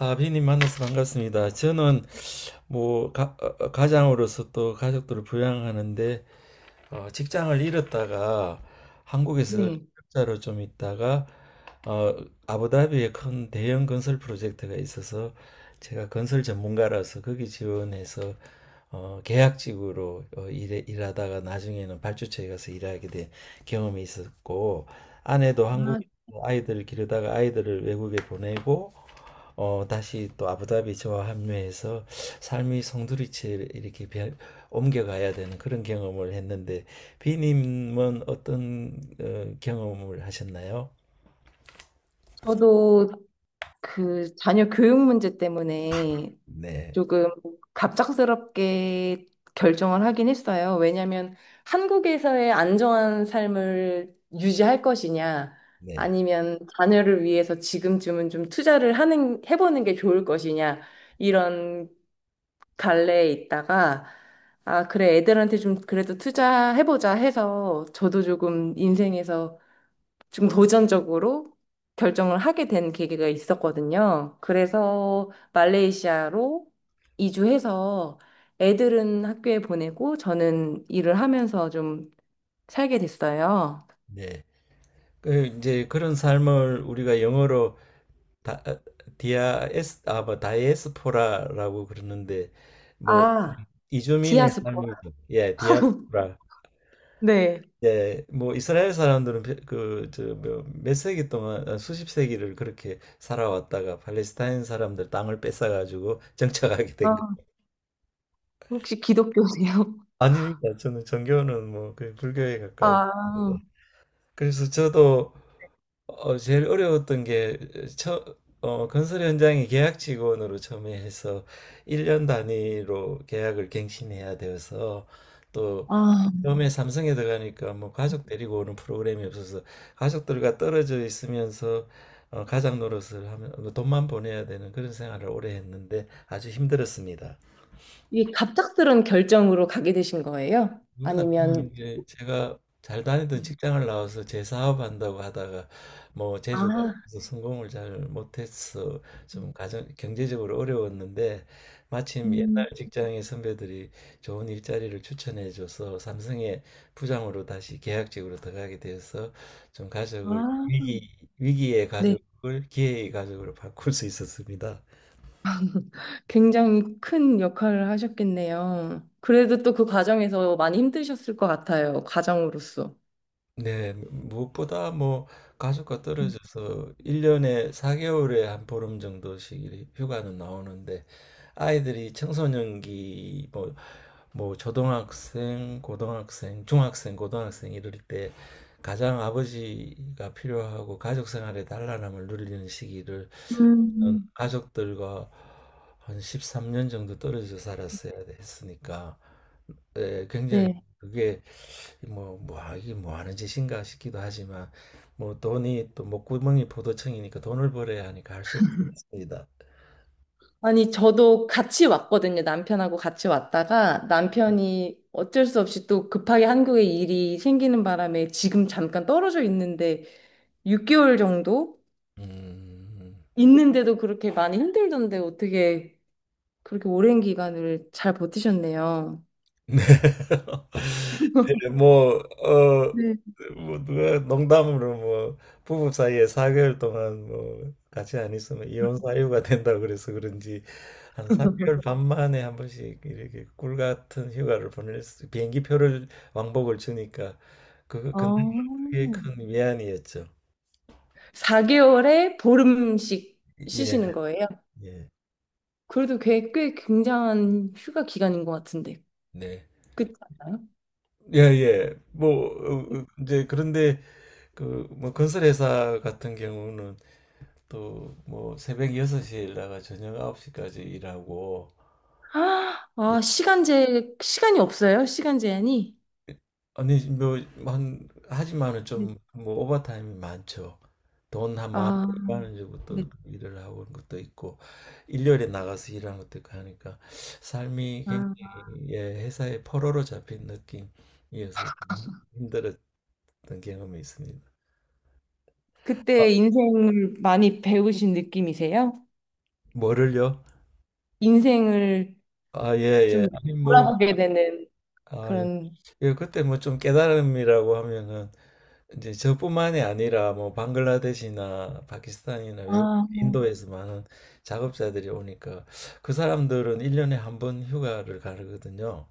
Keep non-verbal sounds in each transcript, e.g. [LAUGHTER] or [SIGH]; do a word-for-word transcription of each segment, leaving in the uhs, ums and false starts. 아, 비님 만나서 반갑습니다. 저는 뭐 가, 장으로서또 가족들을 부양하는데 어, 직장을 잃었다가 한국에서 네. 자로 좀 있다가 어, 아부다비에 큰 대형 건설 프로젝트가 있어서 제가 건설 전문가라서 거기 지원해서 어, 계약직으로 어, 일해, 일하다가 나중에는 발주처에 가서 일하게 된 경험이 있었고 아내도 아, 한국에 아이들을 기르다가 아이들을 외국에 보내고 어, 다시 또 아부다비 저와 합류해서 삶이 송두리째 이렇게 변- 옮겨가야 되는 그런 경험을 했는데 비님은 어떤 어, 경험을 하셨나요? 저도 그 자녀 교육 문제 때문에 네, 조금 갑작스럽게 결정을 하긴 했어요. 왜냐하면 한국에서의 안정한 삶을 유지할 것이냐, 네, 아니면 자녀를 위해서 지금쯤은 좀 투자를 하는, 해보는 게 좋을 것이냐, 이런 갈래에 있다가, 아, 그래, 애들한테 좀 그래도 투자해보자 해서 저도 조금 인생에서 좀 도전적으로 결정을 하게 된 계기가 있었거든요. 그래서 말레이시아로 이주해서 애들은 학교에 보내고 저는 일을 하면서 좀 살게 됐어요. 네. 그 이제 그런 삶을 우리가 영어로 다, 어, 디아에스 아뭐 다이에스포라라고 그러는데 뭐 아, 이주민의 디아스포라. 삶이죠. 예, 디아스포라. 네. 예, 뭐 이스라엘 사람들은 그저몇 세기 동안 아, 수십 세기를 그렇게 살아왔다가 팔레스타인 사람들 땅을 뺏어가지고 [LAUGHS] 정착하게 된 거. 아, 혹시 기독교세요? [LAUGHS] 아닙니다. 저는 전교는 뭐 그 불교에 가깝습니다. 아, 그래서 저도 어, 제일 어려웠던 게 처, 어, 건설 현장에 계약 직원으로 처음에 해서 일 년 단위로 계약을 갱신해야 되어서 또 아, 처음에 삼성에 들어가니까 뭐 가족 데리고 오는 프로그램이 없어서 가족들과 떨어져 있으면서 어, 가장 노릇을 하면 뭐 돈만 보내야 되는 그런 생활을 오래 했는데 아주 힘들었습니다. 이 갑작스런 결정으로 가게 되신 거예요? 그건 아니고 아니면. 이제 제가 잘 다니던 직장을 나와서 재사업한다고 하다가 뭐 재주가 아, 없어서 성공을 잘 못해서 좀 가정 경제적으로 어려웠는데 마침 음, 옛날 직장의 선배들이 좋은 일자리를 추천해줘서 삼성의 부장으로 다시 계약직으로 들어가게 돼서 좀 가족을 아, 위기 위기의 네. 가족을 기회의 가족으로 바꿀 수 있었습니다. 굉장히 큰 역할을 하셨겠네요. 그래도 또 그 과정에서 많이 힘드셨을 것 같아요. 가정으로서. 네, 무엇보다 뭐 가족과 떨어져서 일 년에 사 개월에 한 보름 정도씩 휴가는 나오는데 아이들이 청소년기 뭐 뭐 초등학생, 고등학생, 중학생, 고등학생 이럴 때 가장 아버지가 필요하고 가족 생활의 단란함을 누리는 시기를 저는 음. 가족들과 한 십삼 년 정도 떨어져 살았어야 했으니까 예, 굉장히 네. 그게 뭐, 뭐, 아, 이게 뭐 하는 짓인가 싶기도 하지만 뭐 돈이 또 목구멍이 포도청이니까 돈을 벌어야 하니까 할 수 없습니다. 아니, 저도 같이 왔거든요. 남편하고 같이 왔다가 남편이 어쩔 수 없이 또 급하게 한국에 일이 생기는 바람에 지금 잠깐 떨어져 있는데, 육 개월 정도 음, 있는데도 그렇게 많이 힘들던데 어떻게 그렇게 오랜 기간을 잘 버티셨네요. 네. [LAUGHS] 예 뭐 어 네. 뭐 누가 농담으로 뭐 부부 사이에 사 개월 동안 뭐 같이 안 있으면 이혼 사유가 된다고 그래서 그런지 한 삼 개월 반 만에 한 번씩 이렇게 꿀 같은 휴가를 보낼 수 비행기 표를 왕복을 주니까 그거 아. 근데 그게 큰 위안이었죠. 사 개월에 보름씩 예. 쉬시는 거예요? 예. 그래도 꽤, 꽤 굉장한 휴가 기간인 것 같은데. 네. 그렇지 않아요? 예예. 뭐 어어제 그런데 그 뭐 건설회사 같은 경우는 또 뭐 새벽 여섯 시에 일어나가 저녁 아홉 시까지 일하고 아, 예. 아, 시간제, 시간이 없어요? 시간 제한이? 아니 뭐 한 하지만은 네, 좀 뭐 오버타임이 많죠. 돈 한 만, 원, 아, 이만 원 주고 또 네. 일을 하고 하는 것도 있고 일요일에 나가서 일하는 것도 있고 하니까 삶이 아. 굉장히 예, 회사의 포로로 잡힌 느낌이어서 힘들었던 경험이 있습니다. 아, 그때 인생을 많이 배우신 느낌이세요? 뭐를요? 인생을 아, 예, 좀 예. 아니, 뭐, 돌아보게 되는 아, 예. 그런, 예, 그때 뭐 좀 깨달음이라고 하면은 이제 저뿐만이 아니라 뭐 방글라데시나 파키스탄이나 외국 아, 인도에서 많은 작업자들이 오니까 그 사람들은 일 년에 한 번 휴가를 가르거든요.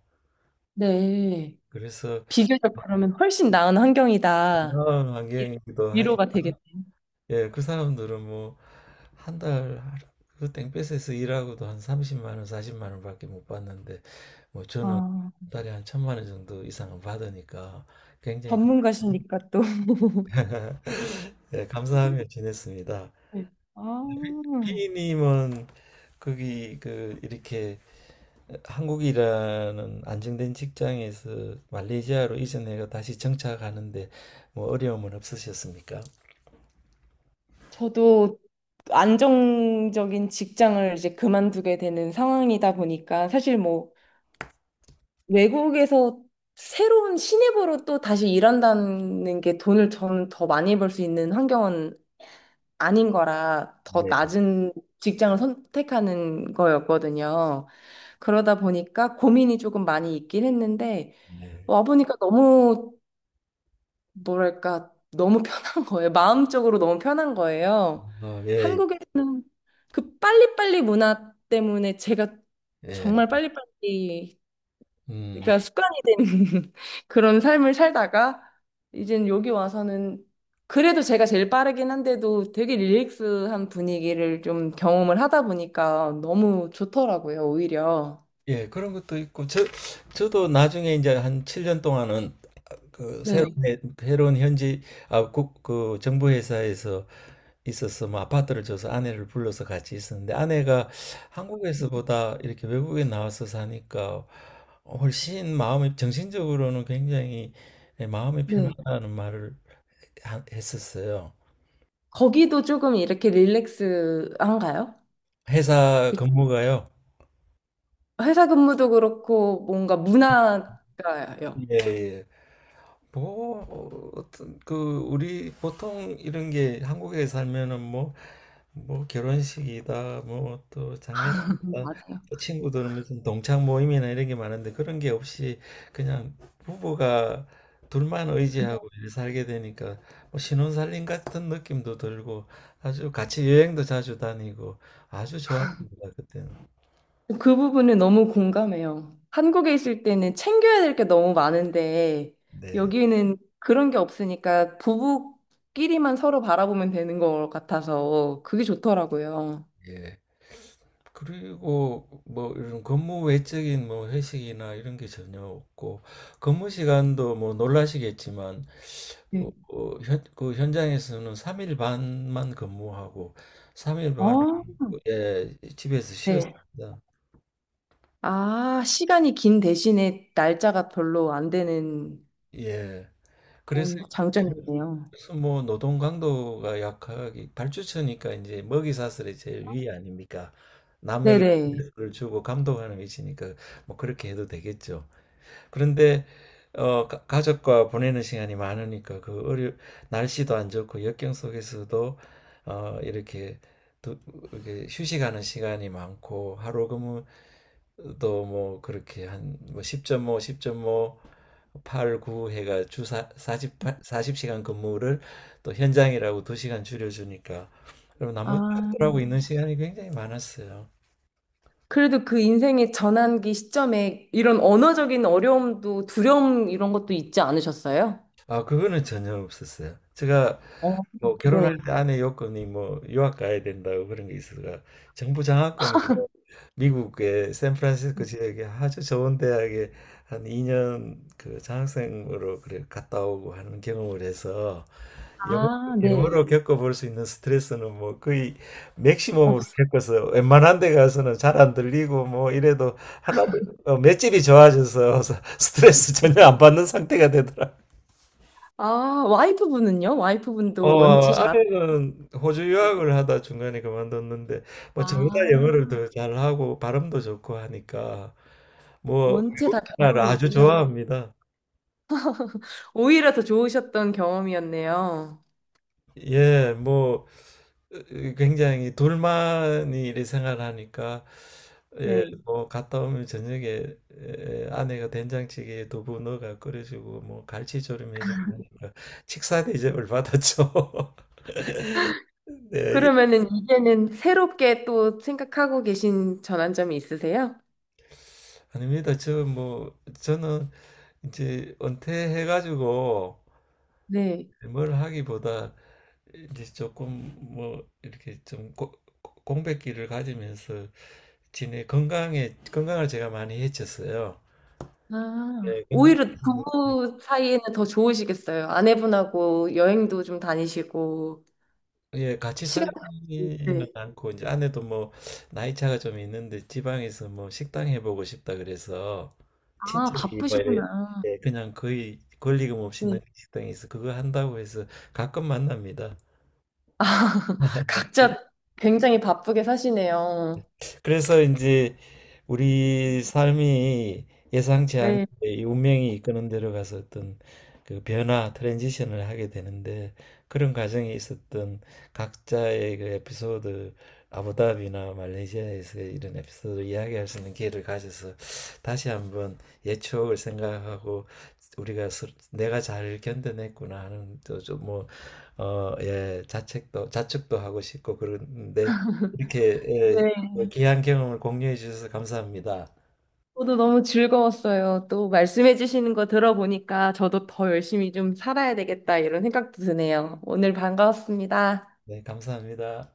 네. 그래서 비교적 그러면 훨씬 나은 환경이다. 건강한 이- 환경이기도 위로가 하지만 되겠네요. 예, 그 사람들은 뭐 한 달 그 땡볕에서 일하고도 한 삼십만 원, 사십만 원밖에 못 받는데 뭐 저는 한 아, 달에 한 천만 원 정도 이상은 받으니까 굉장히 전문가시니까 또. [LAUGHS] 네, 감사하며 지냈습니다. 네. 아, B님은 거기 그 이렇게 한국이라는 안정된 직장에서 말레이시아로 이전해서 다시 정착하는데 뭐 어려움은 없으셨습니까? 저도 안정적인 직장을 이제 그만두게 되는 상황이다 보니까 사실 뭐 외국에서 새로운 신입으로 또 다시 일한다는 게 돈을 저는 더 많이 벌 수 있는 환경은 아닌 거라 더 네, 낮은 직장을 선택하는 거였거든요. 그러다 보니까 고민이 조금 많이 있긴 했는데 네. 와보니까 너무 뭐랄까, 너무 편한 [LAUGHS] 거예요. 마음적으로 너무 편한 거예요. 어, 예, 한국에서 그 빨리빨리 문화 때문에 제가 예. 정말 빨리빨리, 음, 그러니까 습관이 된 [LAUGHS] 그런 삶을 살다가, 이젠 여기 와서는 그래도 제가 제일 빠르긴 한데도 되게 릴렉스한 분위기를 좀 경험을 하다 보니까 너무 좋더라고요, 오히려. 예, 그런 것도 있고 저 저도 나중에 이제 한 칠 년 동안은 그 새로운 네, 해- 새로운 현지 아, 국, 그 정부 회사에서 있어서 뭐 아파트를 줘서 아내를 불러서 같이 있었는데 아내가 한국에서보다 이렇게 외국에 나와서 사니까 훨씬 마음이 정신적으로는 굉장히 마음이 네. 편하다는 말을 하- 했었어요. 거기도 조금 이렇게 릴렉스한가요? 회사 근무가요. 회사 근무도 그렇고 뭔가 문화가요. 예, 예. 뭐 어, 떤 그 우리 보통 이런 게 한국에 살면은 뭐 뭐 결혼식이다 뭐 또 음, 장례식이다 맞아요. 또 친구들은 무슨 동창 모임이나 이런 게 많은데 그런 게 없이 그냥 부부가 둘만 의지하고 이렇게 살게 되니까 뭐 신혼살림 같은 느낌도 들고 아주 같이 여행도 자주 다니고 아주 좋았습니다 그때는. 그 부분은 너무 공감해요. 한국에 있을 때는 챙겨야 될 게 너무 많은데 네 여기는 그런 게 없으니까 부부끼리만 서로 바라보면 되는 것 같아서 그게 좋더라고요. 예. 그리고 뭐 이런 근무 외적인 뭐 회식이나 이런 게 전혀 없고 근무 시간도 뭐 놀라시겠지만 뭐, 네. 어, 현, 그 현장에서는 삼 일 반만 근무하고 삼 일 반을 어, 예, 집에서 네. 쉬었습니다. 아, 시간이 긴 대신에 날짜가 별로 안 되는 예. 그래서 그런 장점이네요. 그래서 뭐 노동 강도가 약하기 발주처니까 이제 먹이 사슬의 제일 위 아닙니까? 남에게 네네. 를 주고 감독하는 위치니까 뭐 그렇게 해도 되겠죠. 그런데 어, 가- 가족과 보내는 시간이 많으니까 그 어려 날씨도 안 좋고 역경 속에서도 어, 이렇게 두, 이렇게 휴식하는 시간이 많고 하루 근무도 뭐 그렇게 한뭐 십 점 오, 십 점 오, 팔, 구 해가 주 사, 사십 시간 근무를 또 현장이라고 두 시간 줄여주니까 그럼 나머지 아, 하고 있는 시간이 굉장히 많았어요. 그래도 그 인생의 전환기 시점에 이런 언어적인 어려움도 두려움 이런 것도 있지 않으셨어요? 아, 그거는 전혀 없었어요. 제가 어, 뭐 결혼할 네. 때 아내 요건이 뭐 유학 가야 된다고 그런 게 있어서 정부 장학금으로 미국의 샌프란시스코 지역에 아주 좋은 대학에 한 이 년 그 장학생으로 그래 갔다 오고 하는 경험을 해서 영어, 아, 네. 영어로 겪어볼 수 있는 스트레스는 뭐 거의 맥시멈으로 없어. 겪어서 웬만한 데 가서는 잘 안 들리고 뭐 이래도 하나도 어, 맷집이 좋아져서 [LAUGHS] 스트레스 전혀 안 받는 상태가 되더라고요. 아, 와이프분은요? 어, 와이프분도 원체 잘, 아내는 호주 유학을 하다 중간에 그만뒀는데 뭐 저보다 아, 영어를 더 잘하고 발음도 좋고 하니까 뭐 원체 다 우리나라 경험이 아주 있으셔서 좋아합니다. 오히려 더 좋으셨던 경험이었네요. 예, 뭐 으, 굉장히 둘만이 이렇게 생활하니까 예, 네. 뭐 갔다 오면 저녁에 예, 아내가 된장찌개에 두부 넣어가 끓여주고 뭐 갈치조림 해주고 하니까 식사 대접을 받았죠. [LAUGHS] 네, 그러면은 이제는 새롭게 또 생각하고 계신 전환점이 있으세요? 아닙니다. 저 뭐 저는 이제 은퇴해가지고 네. 뭘 하기보다 이제 조금 뭐 이렇게 좀 고- 고- 공백기를 가지면서 지내 건강에 건강을 제가 많이 해쳤어요. 예, 아, 건강 오히려 부부 사이에는 더 좋으시겠어요. 아내분하고 여행도 좀 다니시고, 예, 같이 시간, 살지는 네. 않고 이제 아내도 뭐 나이 차가 좀 있는데 지방에서 뭐 식당 해보고 싶다 그래서 아, 친척이 뭐 이래- 바쁘시구나. 예, 그냥 거의 권리금 없이 넣는 네. 식당에서 그거 한다고 해서 가끔 만납니다. 아, [LAUGHS] 각자 굉장히 바쁘게 사시네요. 그래서 이제 우리 삶이 예상치 않게 네, 이 운명이 이끄는 대로 가서 어떤 그 변화, 트랜지션을 하게 되는데 그런 과정에 있었던 각자의 그 에피소드, 아부다비나 말레이시아에서 이런 에피소드를 이야기할 수 있는 기회를 가져서 다시 한번 옛 추억을 생각하고 우리가 스- 내가 잘 견뎌냈구나 하는 또좀뭐 어, 예, 자책도 자책도 하고 싶고 그런데 이렇게 예, 어, 네. 귀한 경험을 공유해 주셔서 감사합니다. 저도 너무 즐거웠어요. 또 말씀해 주시는 거 들어보니까 저도 더 열심히 좀 살아야 되겠다 이런 생각도 드네요. 오늘 반가웠습니다. 네, 감사합니다.